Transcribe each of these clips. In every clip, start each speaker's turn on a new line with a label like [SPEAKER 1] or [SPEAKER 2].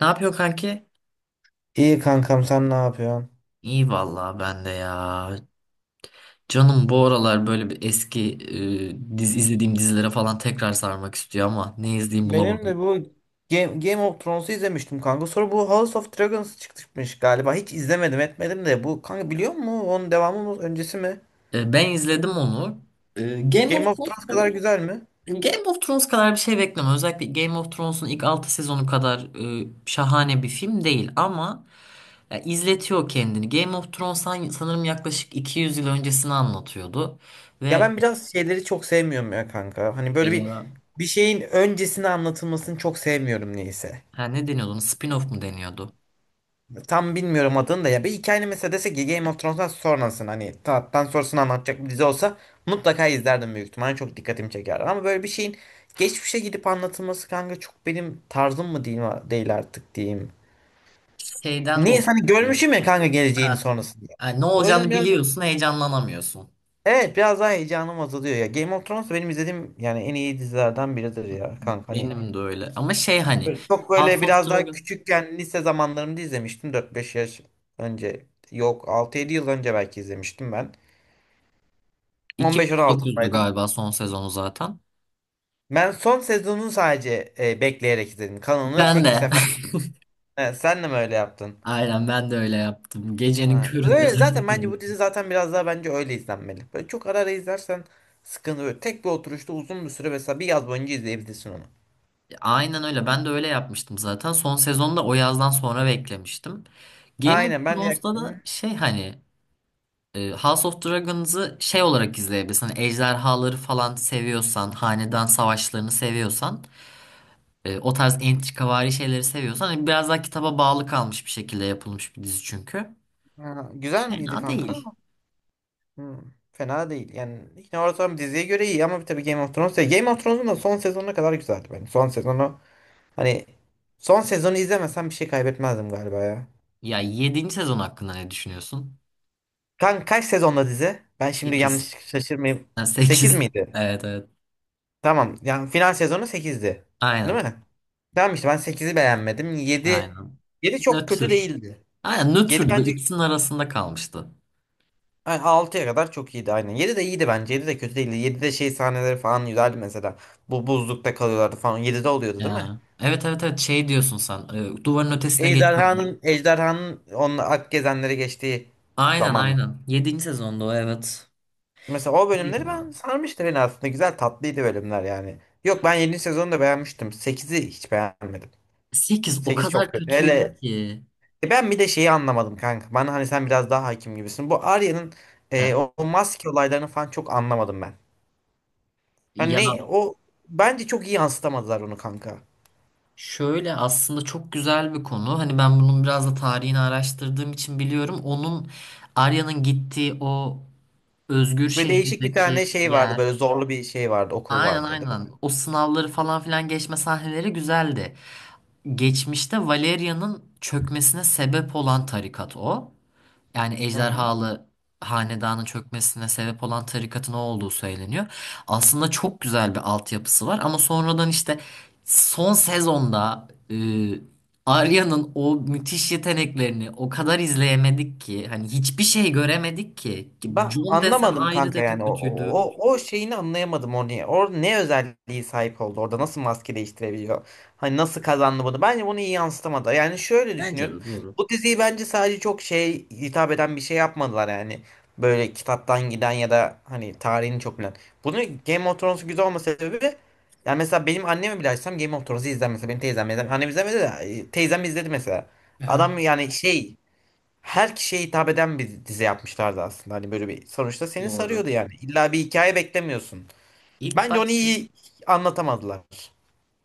[SPEAKER 1] Ne yapıyor kanki?
[SPEAKER 2] İyi kankam, sen ne yapıyorsun?
[SPEAKER 1] İyi vallahi ben de ya. Canım bu aralar böyle bir eski e, diz izlediğim dizilere falan tekrar sarmak istiyor ama ne izleyeyim
[SPEAKER 2] Benim de
[SPEAKER 1] bulamadım.
[SPEAKER 2] bu Game of Thrones'u izlemiştim kanka. Sonra bu House of Dragons çıkmış galiba. Hiç izlemedim etmedim de, bu kanka biliyor musun? Onun devamı mı, öncesi mi?
[SPEAKER 1] Ben izledim onu. Game of
[SPEAKER 2] Game of
[SPEAKER 1] Thrones
[SPEAKER 2] Thrones kadar
[SPEAKER 1] kadar.
[SPEAKER 2] güzel mi?
[SPEAKER 1] Game of Thrones kadar bir şey bekleme. Özellikle Game of Thrones'un ilk 6 sezonu kadar şahane bir film değil ama ya, izletiyor kendini. Game of Thrones sanırım yaklaşık 200 yıl öncesini anlatıyordu
[SPEAKER 2] Ya
[SPEAKER 1] ve
[SPEAKER 2] ben biraz şeyleri çok sevmiyorum ya kanka. Hani
[SPEAKER 1] e,
[SPEAKER 2] böyle bir şeyin öncesini anlatılmasını çok sevmiyorum, neyse.
[SPEAKER 1] ha, ne deniyordu ona? Spin-off mu deniyordu?
[SPEAKER 2] Tam bilmiyorum adını da ya. Bir hikayenin mesela, desek ki Game of Thrones'tan sonrasını, hani tahttan sonrasını anlatacak bir dizi olsa mutlaka izlerdim büyük ihtimalle. Çok dikkatimi çekerdi. Ama böyle bir şeyin geçmişe gidip anlatılması kanka çok benim tarzım mı değil, değil artık diyeyim.
[SPEAKER 1] Şeyden
[SPEAKER 2] Niye, hani
[SPEAKER 1] dolayı.
[SPEAKER 2] görmüşüm ya kanka geleceğini
[SPEAKER 1] Ha.
[SPEAKER 2] sonrasında.
[SPEAKER 1] Yani ne
[SPEAKER 2] O yüzden
[SPEAKER 1] olacağını
[SPEAKER 2] biraz,
[SPEAKER 1] biliyorsun, heyecanlanamıyorsun.
[SPEAKER 2] evet, biraz daha heyecanım azalıyor ya. Game of Thrones benim izlediğim yani en iyi dizilerden biridir ya kanka. Hani
[SPEAKER 1] Benim de öyle. Ama şey hani
[SPEAKER 2] çok
[SPEAKER 1] House
[SPEAKER 2] böyle
[SPEAKER 1] of
[SPEAKER 2] biraz daha
[SPEAKER 1] Dragons
[SPEAKER 2] küçükken, lise zamanlarımda izlemiştim. 4-5 yaş önce. Yok, 6-7 yıl önce belki izlemiştim ben. on beş on
[SPEAKER 1] 2019'du
[SPEAKER 2] altıdaydım.
[SPEAKER 1] galiba son sezonu zaten.
[SPEAKER 2] Ben son sezonunu sadece bekleyerek izledim. Kanalını
[SPEAKER 1] Ben
[SPEAKER 2] tek bir
[SPEAKER 1] de.
[SPEAKER 2] sefer. He, sen de mi öyle yaptın?
[SPEAKER 1] Aynen ben de öyle yaptım. Gecenin
[SPEAKER 2] Ha.
[SPEAKER 1] köründe
[SPEAKER 2] Öyle, zaten
[SPEAKER 1] açıp
[SPEAKER 2] bence bu
[SPEAKER 1] izledim.
[SPEAKER 2] dizi zaten biraz daha bence öyle izlenmeli. Böyle çok ara ara izlersen sıkıntı böyle. Tek bir oturuşta uzun bir süre, mesela bir yaz boyunca izleyebilirsin onu.
[SPEAKER 1] Aynen öyle. Ben de öyle yapmıştım zaten. Son sezonda o yazdan sonra beklemiştim. Game of
[SPEAKER 2] Aynen ben de.
[SPEAKER 1] Thrones'ta da
[SPEAKER 2] Hı,
[SPEAKER 1] şey hani House of Dragons'ı şey olarak izleyebilirsin. Hani ejderhaları falan seviyorsan, hanedan savaşlarını seviyorsan, o tarz entrikavari şeyleri seviyorsan hani biraz daha kitaba bağlı kalmış bir şekilde yapılmış bir dizi çünkü.
[SPEAKER 2] ha, güzel miydi
[SPEAKER 1] Fena
[SPEAKER 2] kanka?
[SPEAKER 1] değil.
[SPEAKER 2] Hmm, fena değil. Yani yine ortam diziye göre iyi ama tabii Game of Thrones. Game of Thrones'un da son sezonuna kadar güzeldi benim. Son sezonu, hani son sezonu izlemesem bir şey kaybetmezdim galiba ya.
[SPEAKER 1] Ya, 7. sezon hakkında ne düşünüyorsun?
[SPEAKER 2] Kan kaç sezonda dizi? Ben şimdi
[SPEAKER 1] Sekiz.
[SPEAKER 2] yanlış şaşırmayayım. Sekiz
[SPEAKER 1] Sekiz.
[SPEAKER 2] miydi?
[SPEAKER 1] Evet, evet.
[SPEAKER 2] Tamam. Yani final sezonu sekizdi, değil
[SPEAKER 1] Aynen.
[SPEAKER 2] mi? Tamam işte, ben sekizi beğenmedim. Yedi,
[SPEAKER 1] Aynen.
[SPEAKER 2] 7 çok kötü
[SPEAKER 1] Nötr.
[SPEAKER 2] değildi.
[SPEAKER 1] Aynen
[SPEAKER 2] Yedi
[SPEAKER 1] nötrdü. Böyle
[SPEAKER 2] bence,
[SPEAKER 1] ikisinin arasında kalmıştı.
[SPEAKER 2] yani 6'ya kadar çok iyiydi aynen. 7 de iyiydi bence. 7 de kötü değildi. 7'de şey sahneleri falan güzeldi mesela. Bu buzlukta kalıyorlardı falan. 7'de oluyordu değil mi?
[SPEAKER 1] Ya. Evet, evet, evet, şey diyorsun sen. Duvarın ötesine geçiyorlar.
[SPEAKER 2] Ejderhanın, Ejderhanın onun ak gezenleri geçtiği
[SPEAKER 1] Aynen,
[SPEAKER 2] zamanlar.
[SPEAKER 1] aynen. 7. sezonda o, evet.
[SPEAKER 2] Mesela o
[SPEAKER 1] Değil
[SPEAKER 2] bölümleri,
[SPEAKER 1] ya.
[SPEAKER 2] ben sarmıştı beni aslında. Güzel, tatlıydı bölümler yani. Yok, ben 7. sezonu da beğenmiştim. 8'i hiç beğenmedim.
[SPEAKER 1] 8 o
[SPEAKER 2] 8 çok
[SPEAKER 1] kadar
[SPEAKER 2] kötü.
[SPEAKER 1] kötüydü
[SPEAKER 2] Hele,
[SPEAKER 1] ki.
[SPEAKER 2] E ben bir de şeyi anlamadım kanka. Bana hani sen biraz daha hakim gibisin. Bu Arya'nın
[SPEAKER 1] Heh.
[SPEAKER 2] o maske olaylarını falan çok anlamadım ben. Yani
[SPEAKER 1] Ya,
[SPEAKER 2] ne o, bence çok iyi yansıtamadılar onu kanka.
[SPEAKER 1] şöyle aslında çok güzel bir konu. Hani ben bunun biraz da tarihini araştırdığım için biliyorum. Onun, Arya'nın gittiği o özgür
[SPEAKER 2] Ve değişik bir tane
[SPEAKER 1] şehirdeki
[SPEAKER 2] şey vardı, böyle
[SPEAKER 1] yer.
[SPEAKER 2] zorlu bir şey vardı, okul
[SPEAKER 1] Aynen,
[SPEAKER 2] vardı değil
[SPEAKER 1] aynen.
[SPEAKER 2] mi?
[SPEAKER 1] O sınavları falan filan geçme sahneleri güzeldi. Geçmişte Valeria'nın çökmesine sebep olan tarikat o. Yani
[SPEAKER 2] Hı hı.
[SPEAKER 1] ejderhalı hanedanın çökmesine sebep olan tarikatın o olduğu söyleniyor. Aslında çok güzel bir altyapısı var ama sonradan işte son sezonda Arya'nın o müthiş yeteneklerini o kadar izleyemedik ki hani hiçbir şey göremedik ki.
[SPEAKER 2] Ben
[SPEAKER 1] Jon desen
[SPEAKER 2] anlamadım
[SPEAKER 1] ayrı
[SPEAKER 2] kanka,
[SPEAKER 1] da
[SPEAKER 2] yani o
[SPEAKER 1] kötüydü.
[SPEAKER 2] o, o şeyini anlayamadım, o niye. O ne özelliği sahip oldu orada, nasıl maske değiştirebiliyor? Hani nasıl kazandı bunu? Bence bunu iyi yansıtamadı. Yani şöyle
[SPEAKER 1] Bence
[SPEAKER 2] düşünüyorum.
[SPEAKER 1] de doğru.
[SPEAKER 2] Bu diziyi bence sadece çok şey hitap eden bir şey yapmadılar yani. Böyle kitaptan giden ya da hani tarihini çok bilen. Bunu Game of Thrones güzel olma sebebi, yani mesela benim annemi bile açsam Game of Thrones'u izler, mesela benim teyzem izler. Annem izlemedi de, teyzem izledi mesela.
[SPEAKER 1] Aha.
[SPEAKER 2] Adam yani şey, her kişiye hitap eden bir dizi yapmışlardı aslında. Hani böyle bir sonuçta seni
[SPEAKER 1] Doğru.
[SPEAKER 2] sarıyordu yani. İlla bir hikaye beklemiyorsun.
[SPEAKER 1] İlk
[SPEAKER 2] Bence onu
[SPEAKER 1] başta
[SPEAKER 2] iyi anlatamadılar.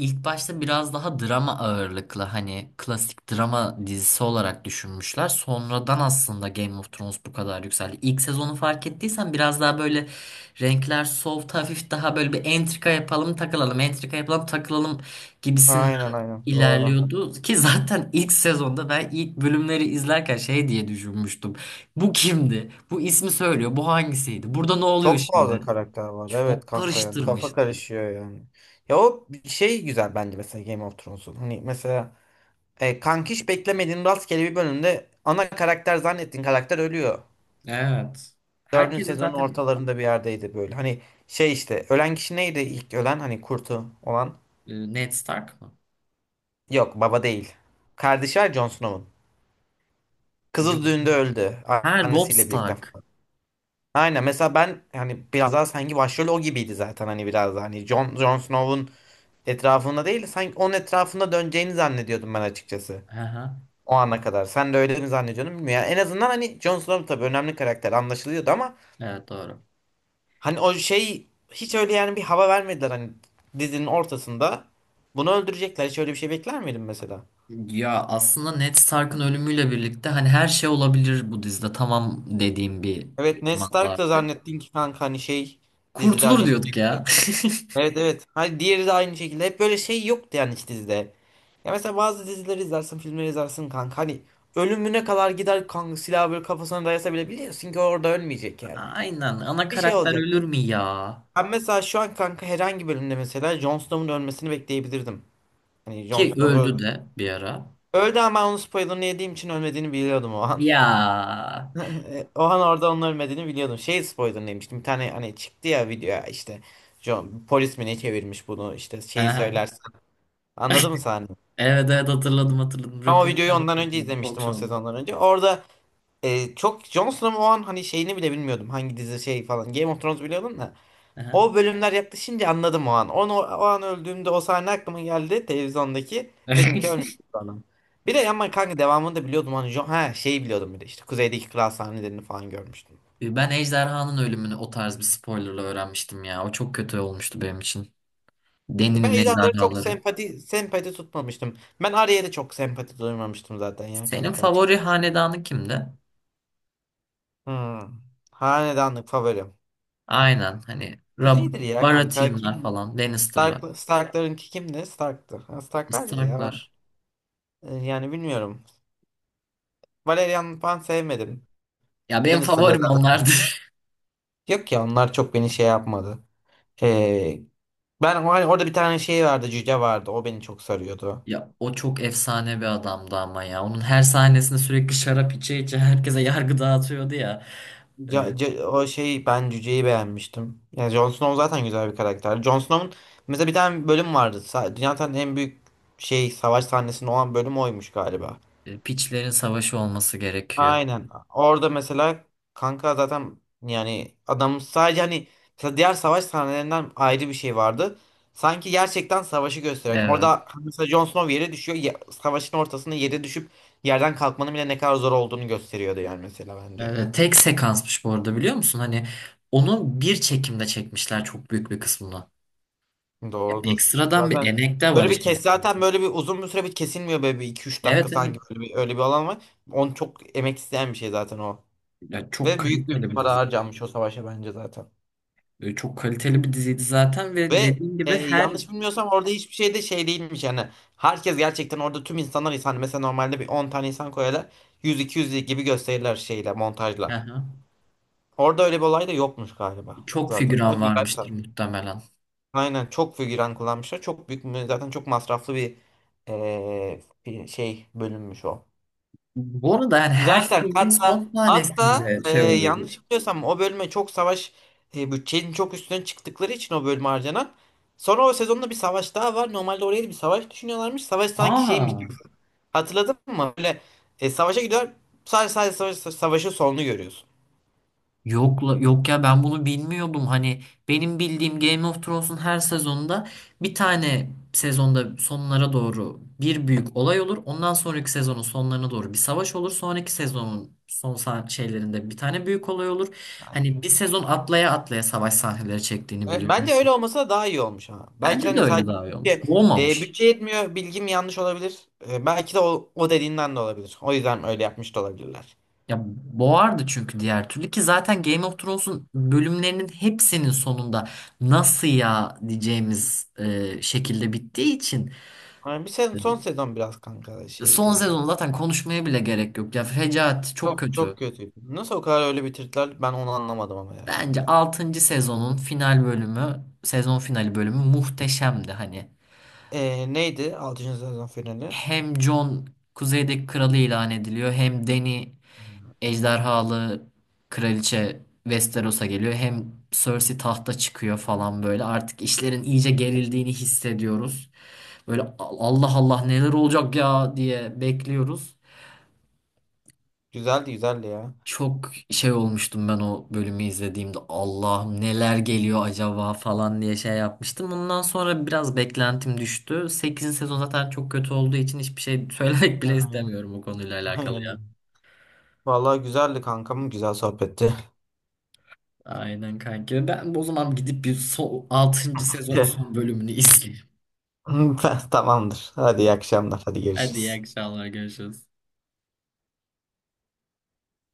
[SPEAKER 1] İlk başta biraz daha drama ağırlıklı hani klasik drama dizisi olarak düşünmüşler. Sonradan aslında Game of Thrones bu kadar yükseldi. İlk sezonu fark ettiysen biraz daha böyle renkler soft hafif, daha böyle bir entrika yapalım takılalım, entrika yapalım takılalım gibisinden
[SPEAKER 2] Aynen aynen doğru.
[SPEAKER 1] ilerliyordu. Ki zaten ilk sezonda ben ilk bölümleri izlerken şey diye düşünmüştüm. Bu kimdi? Bu ismi söylüyor. Bu hangisiydi? Burada ne oluyor
[SPEAKER 2] Çok fazla
[SPEAKER 1] şimdi?
[SPEAKER 2] karakter var. Evet
[SPEAKER 1] Çok
[SPEAKER 2] kanka, yani kafa
[SPEAKER 1] karıştırmıştım.
[SPEAKER 2] karışıyor yani. Ya o bir şey güzel bence mesela Game of Thrones'un. Hani mesela, kankiş beklemediğin rastgele bir bölümde ana karakter zannettiğin karakter ölüyor.
[SPEAKER 1] Evet.
[SPEAKER 2] Dördüncü
[SPEAKER 1] Herkesin
[SPEAKER 2] sezonun
[SPEAKER 1] zaten...
[SPEAKER 2] ortalarında bir yerdeydi böyle. Hani şey, işte ölen kişi neydi ilk ölen, hani kurtu olan?
[SPEAKER 1] Ned Stark mı?
[SPEAKER 2] Yok, baba değil. Kardeşi var Jon Snow'un.
[SPEAKER 1] Jon
[SPEAKER 2] Kızı düğünde
[SPEAKER 1] Snow.
[SPEAKER 2] öldü.
[SPEAKER 1] Ha, Robb
[SPEAKER 2] Annesiyle birlikte
[SPEAKER 1] Stark.
[SPEAKER 2] falan. Aynen, mesela ben hani biraz daha sanki başrol o gibiydi zaten, hani biraz daha hani Jon, Jon Snow'un etrafında değil sanki onun etrafında döneceğini zannediyordum ben açıkçası.
[SPEAKER 1] Hı hı.
[SPEAKER 2] O ana kadar. Sen de öyle mi zannediyordun bilmiyorum. Yani en azından hani Jon Snow tabii önemli karakter anlaşılıyordu ama
[SPEAKER 1] Evet, doğru.
[SPEAKER 2] hani o şey hiç öyle yani bir hava vermediler hani dizinin ortasında. Bunu öldürecekler. Hiç öyle bir şey bekler miydin mesela?
[SPEAKER 1] Ya aslında Ned Stark'ın ölümüyle birlikte hani her şey olabilir bu dizide. Tamam dediğim bir
[SPEAKER 2] Evet, Ned
[SPEAKER 1] zamanda
[SPEAKER 2] Stark da
[SPEAKER 1] artık.
[SPEAKER 2] zannettin ki kanka hani şey dizide
[SPEAKER 1] Kurtulur
[SPEAKER 2] hani
[SPEAKER 1] diyorduk
[SPEAKER 2] sürekli.
[SPEAKER 1] ya.
[SPEAKER 2] Evet evet. Hani diğeri de aynı şekilde. Hep böyle şey yoktu yani, hiç dizide. Ya mesela bazı dizileri izlersin, filmleri izlersin kanka. Hani ölümüne kadar gider kanka, silahı böyle kafasına dayasa bile biliyorsun ki orada ölmeyecek yani.
[SPEAKER 1] Aynen. Ana
[SPEAKER 2] Bir şey
[SPEAKER 1] karakter
[SPEAKER 2] olacak.
[SPEAKER 1] ölür mü ya?
[SPEAKER 2] Ben mesela şu an kanka herhangi bölümde mesela Jon Snow'un ölmesini bekleyebilirdim. Hani Jon
[SPEAKER 1] Ki
[SPEAKER 2] Snow
[SPEAKER 1] öldü
[SPEAKER 2] öldü.
[SPEAKER 1] de bir ara.
[SPEAKER 2] Öldü ama ben onun spoilerını yediğim için ölmediğini biliyordum o an.
[SPEAKER 1] Ya.
[SPEAKER 2] O an orada onun ölmediğini biliyordum. Şey spoiler demiştim. Bir tane hani çıktı ya video işte. John, polis mi ne çevirmiş bunu, işte
[SPEAKER 1] Hı
[SPEAKER 2] şeyi
[SPEAKER 1] hı.
[SPEAKER 2] söylersen. Anladın mı sahne?
[SPEAKER 1] Evet, evet, hatırladım, hatırladım.
[SPEAKER 2] Ben o videoyu
[SPEAKER 1] Röportaj,
[SPEAKER 2] ondan önce
[SPEAKER 1] talk
[SPEAKER 2] izlemiştim, o
[SPEAKER 1] show'da.
[SPEAKER 2] sezondan önce. Orada çok Jon Snow'un o an hani şeyini bile bilmiyordum. Hangi dizi şey falan. Game of Thrones biliyordum da.
[SPEAKER 1] Hı
[SPEAKER 2] O bölümler yaklaşınca anladım o an. Onu, o an öldüğümde o sahne aklıma geldi televizyondaki.
[SPEAKER 1] hı.
[SPEAKER 2] Dedim ki ölmüş bu adam. Bir de ama kanka devamını da biliyordum. Hani Jon, ha şeyi biliyordum bir de, işte kuzeydeki kral sahnelerini falan görmüştüm.
[SPEAKER 1] Ben ejderhanın ölümünü o tarz bir spoilerla öğrenmiştim ya. O çok kötü olmuştu benim için.
[SPEAKER 2] Ben
[SPEAKER 1] Deni'nin
[SPEAKER 2] ejderhalara çok
[SPEAKER 1] ejderhaları.
[SPEAKER 2] sempati tutmamıştım. Ben Arya'ya da çok sempati duymamıştım zaten ya
[SPEAKER 1] Senin
[SPEAKER 2] kanka
[SPEAKER 1] favori
[SPEAKER 2] açıkçası.
[SPEAKER 1] hanedanın kimdi?
[SPEAKER 2] Hmm. Hanedanlık favorim.
[SPEAKER 1] Aynen, hani
[SPEAKER 2] Kuzey'dir ya kanka.
[SPEAKER 1] Baratheon'lar
[SPEAKER 2] Kim?
[SPEAKER 1] falan, Lannister'lar,
[SPEAKER 2] Stark'larınki kimdi? Stark'tı. Ha, Stark'lardı
[SPEAKER 1] Stark'lar.
[SPEAKER 2] ya ben. Yani bilmiyorum. Valerian falan sevmedim.
[SPEAKER 1] Ya benim
[SPEAKER 2] Lannister'ları
[SPEAKER 1] favorim
[SPEAKER 2] zaten.
[SPEAKER 1] onlardı.
[SPEAKER 2] Yok ya, onlar çok beni şey yapmadı. Ee, ben hani orada bir tane şey vardı. Cüce vardı. O beni çok sarıyordu.
[SPEAKER 1] Ya o çok efsane bir adamdı ama ya. Onun her sahnesinde sürekli şarap içe içe herkese yargı dağıtıyordu ya. E,
[SPEAKER 2] O şey, ben Cüce'yi beğenmiştim. Yani Jon Snow zaten güzel bir karakter. Jon Snow'un mesela bir tane bölüm vardı. Dünyanın en büyük şey savaş sahnesinde olan bölüm oymuş galiba.
[SPEAKER 1] Piçlerin savaşı olması gerekiyor.
[SPEAKER 2] Aynen. Orada mesela kanka zaten yani adam sadece hani mesela diğer savaş sahnelerinden ayrı bir şey vardı. Sanki gerçekten savaşı gösteren.
[SPEAKER 1] Evet.
[SPEAKER 2] Orada mesela Jon Snow yere düşüyor. Savaşın ortasında yere düşüp yerden kalkmanın bile ne kadar zor olduğunu gösteriyordu yani mesela bence.
[SPEAKER 1] Evet, tek sekansmış bu arada, biliyor musun? Hani onu bir çekimde çekmişler, çok büyük bir kısmını. Ya
[SPEAKER 2] Doğrudur.
[SPEAKER 1] ekstradan bir
[SPEAKER 2] Zaten
[SPEAKER 1] emek de var
[SPEAKER 2] böyle bir
[SPEAKER 1] işin
[SPEAKER 2] kes,
[SPEAKER 1] içinde.
[SPEAKER 2] zaten böyle bir uzun bir süre bir kesilmiyor, böyle bir iki üç dakika
[SPEAKER 1] Evet, evet.
[SPEAKER 2] sanki böyle bir, öyle bir alan var. Onu çok emek isteyen bir şey zaten o.
[SPEAKER 1] Ya, çok
[SPEAKER 2] Ve büyük bir
[SPEAKER 1] kaliteli bir
[SPEAKER 2] para
[SPEAKER 1] dizi.
[SPEAKER 2] harcanmış o savaşa bence zaten.
[SPEAKER 1] Böyle çok kaliteli bir diziydi zaten ve
[SPEAKER 2] Ve
[SPEAKER 1] dediğim gibi her...
[SPEAKER 2] yanlış bilmiyorsam orada hiçbir şey de şey değilmiş yani. Herkes gerçekten orada tüm insanlar insan. Mesela normalde bir 10 tane insan koyarlar. 100-200 gibi gösterirler şeyle montajla.
[SPEAKER 1] Aha.
[SPEAKER 2] Orada öyle bir olay da yokmuş galiba
[SPEAKER 1] Çok
[SPEAKER 2] zaten. O
[SPEAKER 1] figüran
[SPEAKER 2] güzel bir.
[SPEAKER 1] varmıştır muhtemelen.
[SPEAKER 2] Aynen çok figüran kullanmışlar. Çok büyük mü- zaten çok masraflı bir eee, bir şey bölünmüş o.
[SPEAKER 1] Bu arada yani her
[SPEAKER 2] Zaten
[SPEAKER 1] filmin
[SPEAKER 2] hatta
[SPEAKER 1] son
[SPEAKER 2] hatta
[SPEAKER 1] sahnesinde şey oluyordu.
[SPEAKER 2] yanlış biliyorsam o bölüme çok savaş bütçenin çok üstüne çıktıkları için o bölüme harcanan. Sonra o sezonda bir savaş daha var. Normalde oraya bir savaş düşünüyorlarmış. Savaş sanki şeymiş gibi.
[SPEAKER 1] Aa.
[SPEAKER 2] Hatırladın mı? Böyle savaşa gidiyor. Sadece savaş, savaşın sonunu görüyorsun.
[SPEAKER 1] Yok, yok ya, ben bunu bilmiyordum. Hani benim bildiğim Game of Thrones'un her sezonunda, bir tane sezonda sonlara doğru bir büyük olay olur. Ondan sonraki sezonun sonlarına doğru bir savaş olur. Sonraki sezonun son şeylerinde bir tane büyük olay olur. Hani bir sezon atlaya atlaya savaş sahneleri çektiğini
[SPEAKER 2] Evet,
[SPEAKER 1] biliyorum.
[SPEAKER 2] bence öyle olmasa da daha iyi olmuş ha. Belki de
[SPEAKER 1] Bence de
[SPEAKER 2] hani
[SPEAKER 1] öyle
[SPEAKER 2] sadece
[SPEAKER 1] daha iyi olmuş.
[SPEAKER 2] bütçe,
[SPEAKER 1] Bu olmamış.
[SPEAKER 2] bütçe yetmiyor, bilgim yanlış olabilir. E, belki de o, o dediğinden de olabilir. O yüzden öyle yapmış da olabilirler.
[SPEAKER 1] Ya boğardı çünkü diğer türlü, ki zaten Game of Thrones'un bölümlerinin hepsinin sonunda nasıl ya diyeceğimiz şekilde bittiği için,
[SPEAKER 2] Ama bir sezon, son sezon biraz kanka şeydi
[SPEAKER 1] son
[SPEAKER 2] yani.
[SPEAKER 1] sezonu zaten konuşmaya bile gerek yok. Ya fecaat, çok
[SPEAKER 2] Çok
[SPEAKER 1] kötü.
[SPEAKER 2] çok kötüydü. Nasıl o kadar öyle bitirdiler, ben onu anlamadım ama ya
[SPEAKER 1] Bence
[SPEAKER 2] kanka.
[SPEAKER 1] altıncı sezonun final bölümü, sezon finali bölümü muhteşemdi hani.
[SPEAKER 2] E, neydi altıncı sezon finali?
[SPEAKER 1] Hem Jon kuzeydeki kralı ilan ediliyor, hem Dany
[SPEAKER 2] Hmm.
[SPEAKER 1] ejderhalı kraliçe Westeros'a geliyor. Hem Cersei tahta çıkıyor falan böyle. Artık işlerin iyice gerildiğini hissediyoruz. Böyle Allah Allah neler olacak ya diye bekliyoruz.
[SPEAKER 2] Güzeldi güzeldi ya.
[SPEAKER 1] Çok şey olmuştum ben o bölümü izlediğimde. Allah'ım neler geliyor acaba falan diye şey yapmıştım. Bundan sonra biraz beklentim düştü. Sekizinci sezon zaten çok kötü olduğu için hiçbir şey söylemek bile istemiyorum bu
[SPEAKER 2] Ha,
[SPEAKER 1] konuyla alakalı.
[SPEAKER 2] aynen. Vallahi güzeldi kankam. Güzel sohbetti.
[SPEAKER 1] Aynen kanka. Ben o zaman gidip bir altıncı sezonun son bölümünü izleyeyim.
[SPEAKER 2] Tamamdır. Hadi iyi akşamlar. Hadi
[SPEAKER 1] Hadi iyi
[SPEAKER 2] görüşürüz.
[SPEAKER 1] akşamlar, görüşürüz.